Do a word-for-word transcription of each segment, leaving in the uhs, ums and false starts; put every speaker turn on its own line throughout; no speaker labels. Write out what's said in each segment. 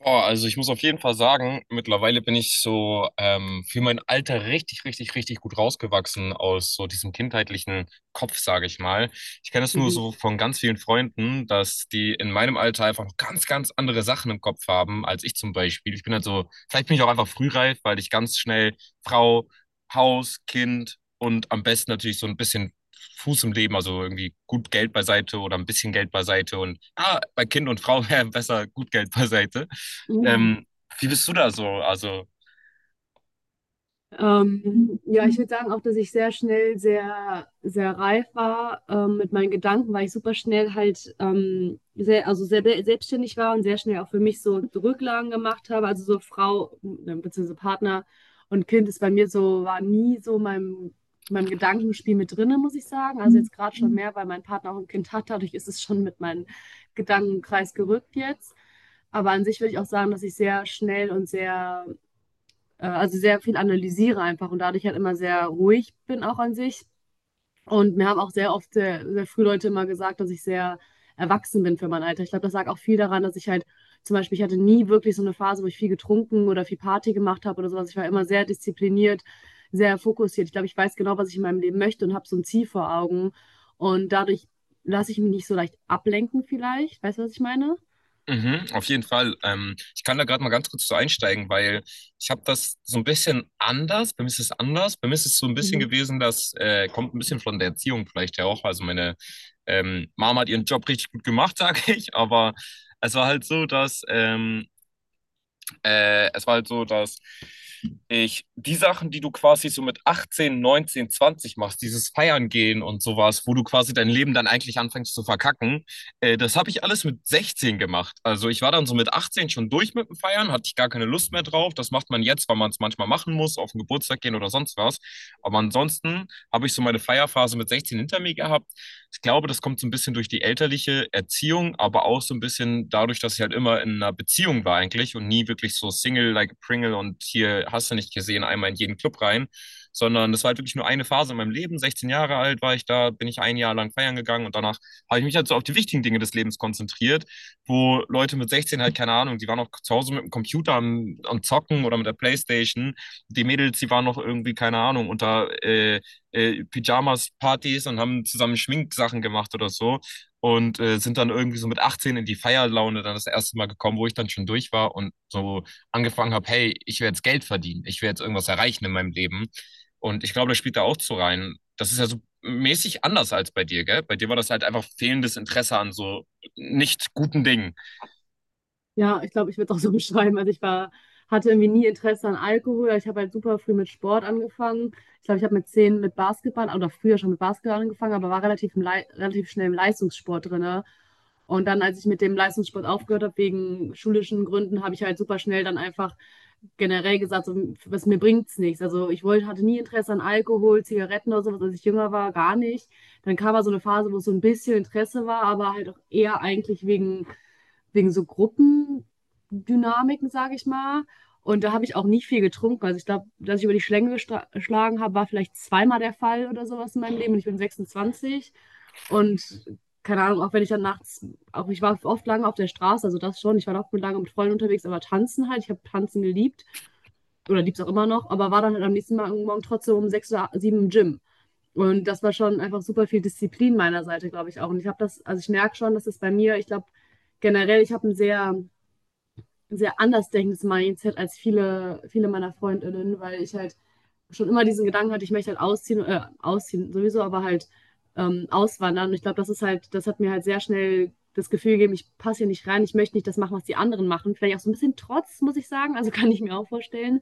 Boah, also ich muss auf jeden Fall sagen, mittlerweile bin ich so ähm, für mein Alter richtig, richtig, richtig gut rausgewachsen aus so diesem kindheitlichen Kopf, sage ich mal. Ich kenne das nur so von ganz vielen Freunden, dass die in meinem Alter einfach noch ganz, ganz andere Sachen im Kopf haben als ich zum Beispiel. Ich bin halt so, vielleicht bin ich auch einfach frühreif, weil ich ganz schnell Frau, Haus, Kind und am besten natürlich so ein bisschen Fuß im Leben, also irgendwie gut Geld beiseite oder ein bisschen Geld beiseite und ah, bei Kind und Frau wäre besser gut Geld beiseite. Ähm, wie bist du da so? Also,
Ähm, ja, ich würde sagen auch, dass ich sehr schnell sehr, sehr reif war, ähm, mit meinen Gedanken, weil ich super schnell halt ähm, sehr, also sehr be- selbstständig war und sehr schnell auch für mich so Rücklagen gemacht habe. Also so Frau, äh, beziehungsweise Partner und Kind ist bei mir so, war nie so meinem, meinem Gedankenspiel mit drinne, muss ich sagen. Also jetzt gerade schon mehr, weil mein Partner auch ein Kind hat, dadurch ist es schon mit meinem Gedankenkreis gerückt jetzt. Aber an sich würde ich auch sagen, dass ich sehr schnell und sehr äh, also sehr viel analysiere einfach und dadurch halt immer sehr ruhig bin auch an sich. Und mir haben auch sehr oft, sehr, sehr früh Leute immer gesagt, dass ich sehr erwachsen bin für mein Alter. Ich glaube, das lag auch viel daran, dass ich halt zum Beispiel, ich hatte nie wirklich so eine Phase, wo ich viel getrunken oder viel Party gemacht habe oder sowas. Ich war immer sehr diszipliniert, sehr fokussiert. Ich glaube, ich weiß genau, was ich in meinem Leben möchte und habe so ein Ziel vor Augen. Und dadurch lasse ich mich nicht so leicht ablenken vielleicht. Weißt du, was ich meine?
mhm, auf jeden Fall. Ähm, ich kann da gerade mal ganz kurz so einsteigen, weil ich habe das so ein bisschen anders. Bei mir ist es anders. Bei mir ist es so ein bisschen
Mhm.
gewesen, das äh, kommt ein bisschen von der Erziehung vielleicht ja auch. Also meine ähm, Mama hat ihren Job richtig gut gemacht, sage ich. Aber es war halt so, dass ähm, Äh, es war halt so, dass ich die Sachen, die du quasi so mit achtzehn, neunzehn, zwanzig machst, dieses Feiern gehen und sowas, wo du quasi dein Leben dann eigentlich anfängst zu verkacken, äh, das habe ich alles mit sechzehn gemacht. Also ich war dann so mit achtzehn schon durch mit dem Feiern, hatte ich gar keine Lust mehr drauf. Das macht man jetzt, weil man es manchmal machen muss, auf den Geburtstag gehen oder sonst was. Aber ansonsten habe ich so meine Feierphase mit sechzehn hinter mir gehabt. Ich glaube, das kommt so ein bisschen durch die elterliche Erziehung, aber auch so ein bisschen dadurch, dass ich halt immer in einer Beziehung war eigentlich und nie wirklich so Single like a Pringle und hier hast du nicht gesehen, einmal in jeden Club rein, sondern das war halt wirklich nur eine Phase in meinem Leben. sechzehn Jahre alt war ich da, bin ich ein Jahr lang feiern gegangen und danach habe ich mich halt so auf die wichtigen Dinge des Lebens konzentriert, wo Leute mit sechzehn halt, keine Ahnung, die waren noch zu Hause mit dem Computer am, am Zocken oder mit der Playstation. Die Mädels, die waren noch irgendwie, keine Ahnung, unter äh, äh, Pyjamas-Partys und haben zusammen Schminksachen gemacht oder so und äh, sind dann irgendwie so mit achtzehn in die Feierlaune dann das erste Mal gekommen, wo ich dann schon durch war und so angefangen habe, hey, ich will jetzt Geld verdienen, ich will jetzt irgendwas erreichen in meinem Leben. Und ich glaube, das spielt da auch zu rein. Das ist ja so mäßig anders als bei dir, gell? Bei dir war das halt einfach fehlendes Interesse an so nicht guten Dingen.
Ja, ich glaube, ich würde es auch so beschreiben. Also ich war, hatte irgendwie nie Interesse an Alkohol. Ich habe halt super früh mit Sport angefangen. Ich glaube, ich habe mit zehn mit Basketball oder früher schon mit Basketball angefangen, aber war relativ, im Lei- relativ schnell im Leistungssport drinne. Und dann, als ich mit dem Leistungssport aufgehört habe, wegen schulischen Gründen, habe ich halt super schnell dann einfach generell gesagt, so, was mir bringt's nichts. Also ich wollte, hatte nie Interesse an Alkohol, Zigaretten oder sowas, als ich jünger war, gar nicht. Dann kam mal so eine Phase, wo es so ein bisschen Interesse war, aber halt auch eher eigentlich wegen wegen so Gruppendynamiken, sage ich mal. Und da habe ich auch nicht viel getrunken. Also ich glaube, dass ich über die Schlänge gestra- geschlagen habe, war vielleicht zweimal der Fall oder sowas in meinem Leben. Und ich bin sechsundzwanzig. Und keine Ahnung, auch wenn ich dann nachts, auch ich war oft lange auf der Straße, also das schon. Ich war oft lange mit Freunden unterwegs, aber tanzen halt. Ich habe tanzen geliebt oder lieb's auch immer noch, aber war dann halt am nächsten Morgen trotzdem um sechs oder sieben im Gym. Und das war schon einfach super viel Disziplin meiner Seite, glaube ich auch. Und ich habe das, also ich merke schon, dass es bei mir, ich glaube generell, ich habe ein sehr, ein sehr anders denkendes Mindset als viele, viele meiner Freundinnen, weil ich halt schon immer diesen Gedanken hatte, ich möchte halt ausziehen, äh, ausziehen sowieso, aber halt ähm, auswandern. Und ich glaube, das ist halt, das hat mir halt sehr schnell das Gefühl gegeben, ich passe hier nicht rein, ich möchte nicht das machen, was die anderen machen. Vielleicht auch so ein bisschen Trotz, muss ich sagen, also kann ich mir auch vorstellen.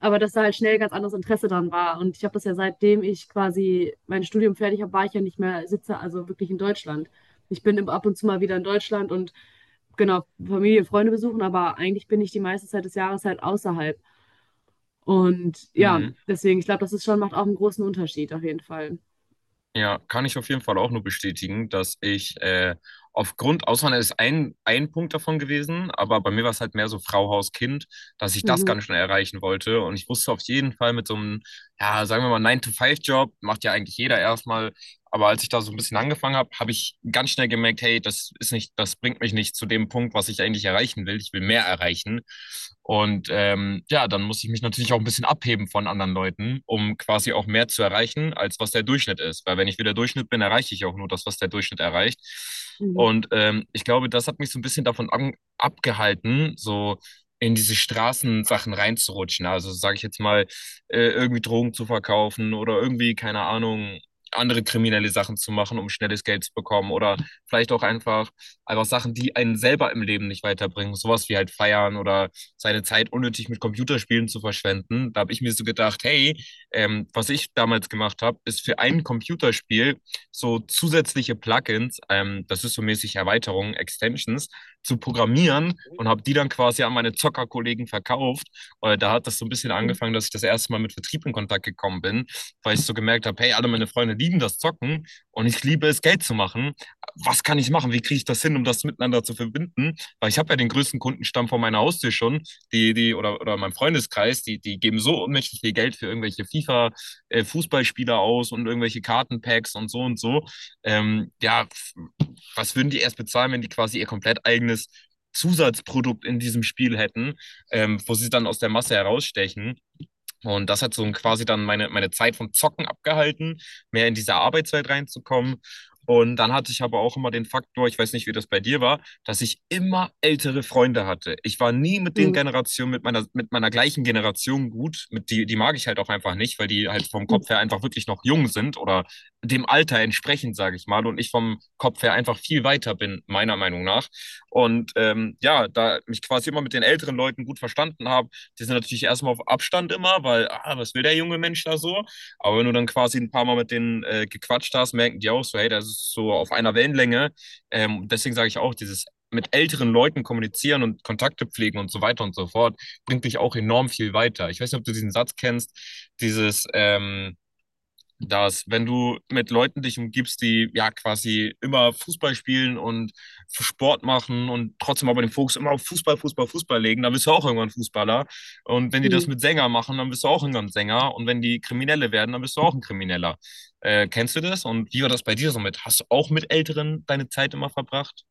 Aber dass da halt schnell ganz anderes Interesse dran war. Und ich habe das ja seitdem ich quasi mein Studium fertig habe, war ich ja nicht mehr sitze, also wirklich in Deutschland. Ich bin im- ab und zu mal wieder in Deutschland und genau, Familie, Freunde besuchen, aber eigentlich bin ich die meiste Zeit des Jahres halt außerhalb. Und ja,
Mhm.
deswegen, ich glaube, das ist schon, macht auch einen großen Unterschied auf jeden Fall.
Ja, kann ich auf jeden Fall auch nur bestätigen, dass ich äh, aufgrund, Auswandern ist ein, ein Punkt davon gewesen, aber bei mir war es halt mehr so Frau, Haus, Kind, dass ich das
Mhm.
ganz schnell erreichen wollte. Und ich wusste auf jeden Fall mit so einem, ja, sagen wir mal, neun to Five job macht ja eigentlich jeder erstmal, aber als ich da so ein bisschen angefangen habe, habe ich ganz schnell gemerkt, hey, das ist nicht, das bringt mich nicht zu dem Punkt, was ich eigentlich erreichen will. Ich will mehr erreichen. Und ähm, ja, dann muss ich mich natürlich auch ein bisschen abheben von anderen Leuten, um quasi auch mehr zu erreichen, als was der Durchschnitt ist. Weil wenn ich wieder Durchschnitt bin, erreiche ich auch nur das, was der Durchschnitt erreicht.
Mhm.
Und ähm, ich glaube, das hat mich so ein bisschen davon an, abgehalten, so in diese Straßensachen reinzurutschen. Also sage ich jetzt mal, äh, irgendwie Drogen zu verkaufen oder irgendwie, keine Ahnung, andere kriminelle Sachen zu machen, um schnelles Geld zu bekommen oder vielleicht auch einfach, einfach Sachen, die einen selber im Leben nicht weiterbringen. Sowas wie halt feiern oder seine Zeit unnötig mit Computerspielen zu verschwenden. Da habe ich mir so gedacht, hey, ähm, was ich damals gemacht habe, ist für ein Computerspiel so zusätzliche Plugins, ähm, das ist so mäßig Erweiterungen, Extensions, zu programmieren und habe die dann quasi an meine Zockerkollegen verkauft. Äh, da hat das so ein bisschen angefangen, dass ich das erste Mal mit Vertrieb in Kontakt gekommen bin, weil ich so gemerkt habe, hey, alle meine Freunde lieben das Zocken und ich liebe es, Geld zu machen. Was kann ich machen? Wie kriege ich das hin, um das miteinander zu verbinden? Weil ich habe ja den größten Kundenstamm vor meiner Haustür schon, die, die, oder, oder meinem Freundeskreis, die, die geben so unmächtig viel Geld für irgendwelche FIFA-Fußballspieler aus und irgendwelche Kartenpacks und so und so. Ähm, ja, was würden die erst bezahlen, wenn die quasi ihr komplett eigenes Zusatzprodukt in diesem Spiel hätten, ähm, wo sie dann aus der Masse herausstechen. Und das hat so quasi dann meine, meine Zeit vom Zocken abgehalten, mehr in diese Arbeitswelt reinzukommen. Und dann hatte ich aber auch immer den Faktor, ich weiß nicht, wie das bei dir war, dass ich immer ältere Freunde hatte. Ich war nie mit den
Mhm.
Generationen, mit meiner, mit meiner gleichen Generation gut. Mit die, die mag ich halt auch einfach nicht, weil die halt vom Kopf her einfach wirklich noch jung sind oder dem Alter entsprechend, sage ich mal. Und ich vom Kopf her einfach viel weiter bin, meiner Meinung nach. Und ähm, ja, da mich quasi immer mit den älteren Leuten gut verstanden habe, die sind natürlich erstmal auf Abstand immer, weil, ah, was will der junge Mensch da so? Aber wenn du dann quasi ein paar Mal mit denen äh, gequatscht hast, merken die auch so, hey, das ist so auf einer Wellenlänge. Ähm, deswegen sage ich auch, dieses mit älteren Leuten kommunizieren und Kontakte pflegen und so weiter und so fort, bringt dich auch enorm viel weiter. Ich weiß nicht, ob du diesen Satz kennst, dieses, ähm, dass wenn du mit Leuten dich umgibst, die ja quasi immer Fußball spielen und Sport machen und trotzdem aber den Fokus immer auf Fußball, Fußball, Fußball legen, dann bist du auch irgendwann Fußballer. Und wenn die das
Mhm.
mit Sänger machen, dann bist du auch irgendwann Sänger. Und wenn die Kriminelle werden, dann bist du auch ein Krimineller. Äh, kennst du das? Und wie war das bei dir so mit? Hast du auch mit Älteren deine Zeit immer verbracht?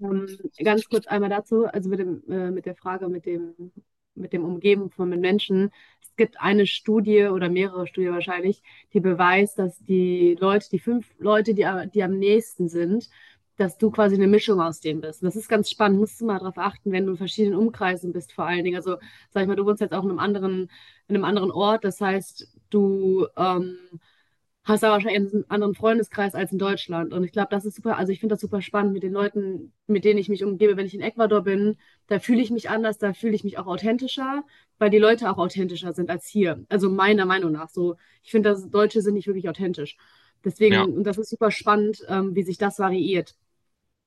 Ähm, Ganz kurz einmal dazu, also mit dem, äh, mit der Frage mit dem, mit dem Umgeben von mit Menschen. Es gibt eine Studie oder mehrere Studien wahrscheinlich, die beweist, dass die Leute, die fünf Leute, die, a- die am nächsten sind, dass du quasi eine Mischung aus denen bist. Und das ist ganz spannend, musst du mal darauf achten, wenn du in verschiedenen Umkreisen bist, vor allen Dingen. Also, sag ich mal, du wohnst jetzt auch in einem anderen, in einem anderen Ort, das heißt, du, ähm, hast aber wahrscheinlich einen anderen Freundeskreis als in Deutschland. Und ich glaube, das ist super, also ich finde das super spannend mit den Leuten, mit denen ich mich umgebe. Wenn ich in Ecuador bin, da fühle ich mich anders, da fühle ich mich auch authentischer, weil die Leute auch authentischer sind als hier. Also meiner Meinung nach so. Ich finde, dass Deutsche sind nicht wirklich authentisch.
Ja.
Deswegen, und das ist super spannend, ähm, wie sich das variiert,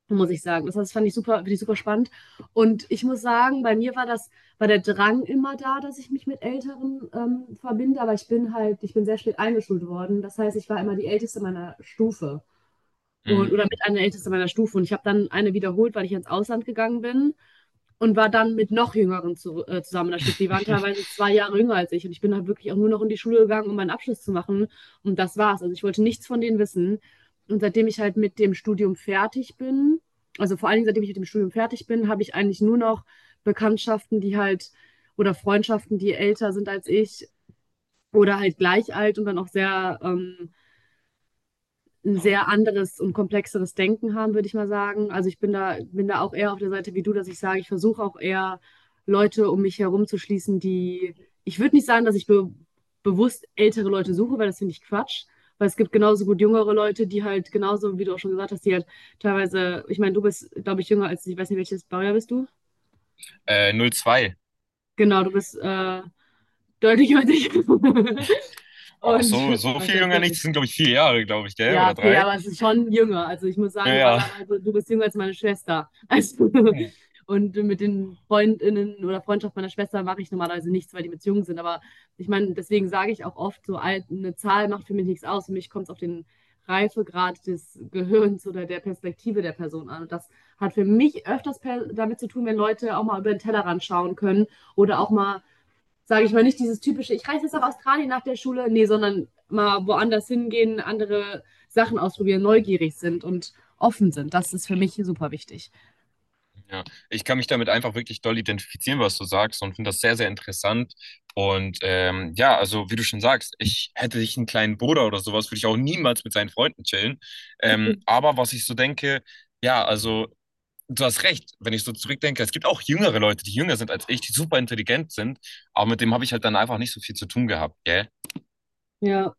muss ich sagen. Das, das fand ich super, finde ich super spannend. Und ich muss sagen, bei mir war das, war der Drang immer da, dass ich mich mit Älteren ähm, verbinde, aber ich bin halt, ich bin sehr spät eingeschult worden. Das heißt, ich war immer die Älteste meiner Stufe. Und oder mit
Mm.
einer der Ältesten meiner Stufe. Und ich habe dann eine wiederholt, weil ich ins Ausland gegangen bin und war dann mit noch Jüngeren zu, äh, zusammen in der Stufe. Die waren teilweise zwei Jahre jünger als ich. Und ich bin halt wirklich auch nur noch in die Schule gegangen, um meinen Abschluss zu machen. Und das war's. Also ich wollte nichts von denen wissen. Und seitdem ich halt mit dem Studium fertig bin, also vor allen Dingen seitdem ich mit dem Studium fertig bin, habe ich eigentlich nur noch Bekanntschaften, die halt oder Freundschaften, die älter sind als ich oder halt gleich alt und dann auch sehr ähm, ein sehr anderes und komplexeres Denken haben, würde ich mal sagen. Also ich bin da, bin da auch eher auf der Seite wie du, dass ich sage, ich versuche auch eher Leute um mich herum zu schließen, die, ich würde nicht sagen, dass ich be bewusst ältere Leute suche, weil das finde ich Quatsch. Weil es gibt genauso gut jüngere Leute, die halt genauso, wie du auch schon gesagt hast, die halt teilweise, ich meine, du bist, glaube ich, jünger als ich, weiß nicht, welches Baujahr bist du?
äh, null zwei.
Genau, du bist äh, deutlich jünger als ich. Und
Oh, so,
was
so viel
heißt
jünger nicht.
deutlich?
Das sind, glaube ich, vier Jahre, glaube ich, gell? Oder
Ja, viel,
drei?
aber es ist schon jünger. Also ich muss
Ja,
sagen,
ja.
normalerweise, du bist jünger als meine Schwester. Also, und mit den Freundinnen oder Freundschaft meiner Schwester mache ich normalerweise nichts, weil die mit jung sind. Aber ich meine, deswegen sage ich auch oft, so alt, eine Zahl macht für mich nichts aus. Für mich kommt es auf den Reifegrad des Gehirns oder der Perspektive der Person an. Und das hat für mich öfters per damit zu tun, wenn Leute auch mal über den Tellerrand schauen können oder auch mal sage ich mal, nicht dieses typische, ich reise jetzt nach Australien nach der Schule, nee, sondern mal woanders hingehen, andere Sachen ausprobieren, neugierig sind und offen sind. Das ist für mich super wichtig.
Ja, ich kann mich damit einfach wirklich doll identifizieren, was du sagst, und finde das sehr, sehr interessant. Und ähm, ja, also wie du schon sagst, ich hätte ich einen kleinen Bruder oder sowas, würde ich auch niemals mit seinen Freunden chillen. Ähm, aber was ich so denke, ja, also du hast recht, wenn ich so zurückdenke, es gibt auch jüngere Leute, die jünger sind als ich, die super intelligent sind, aber mit dem habe ich halt dann einfach nicht so viel zu tun gehabt, gell?
Ja.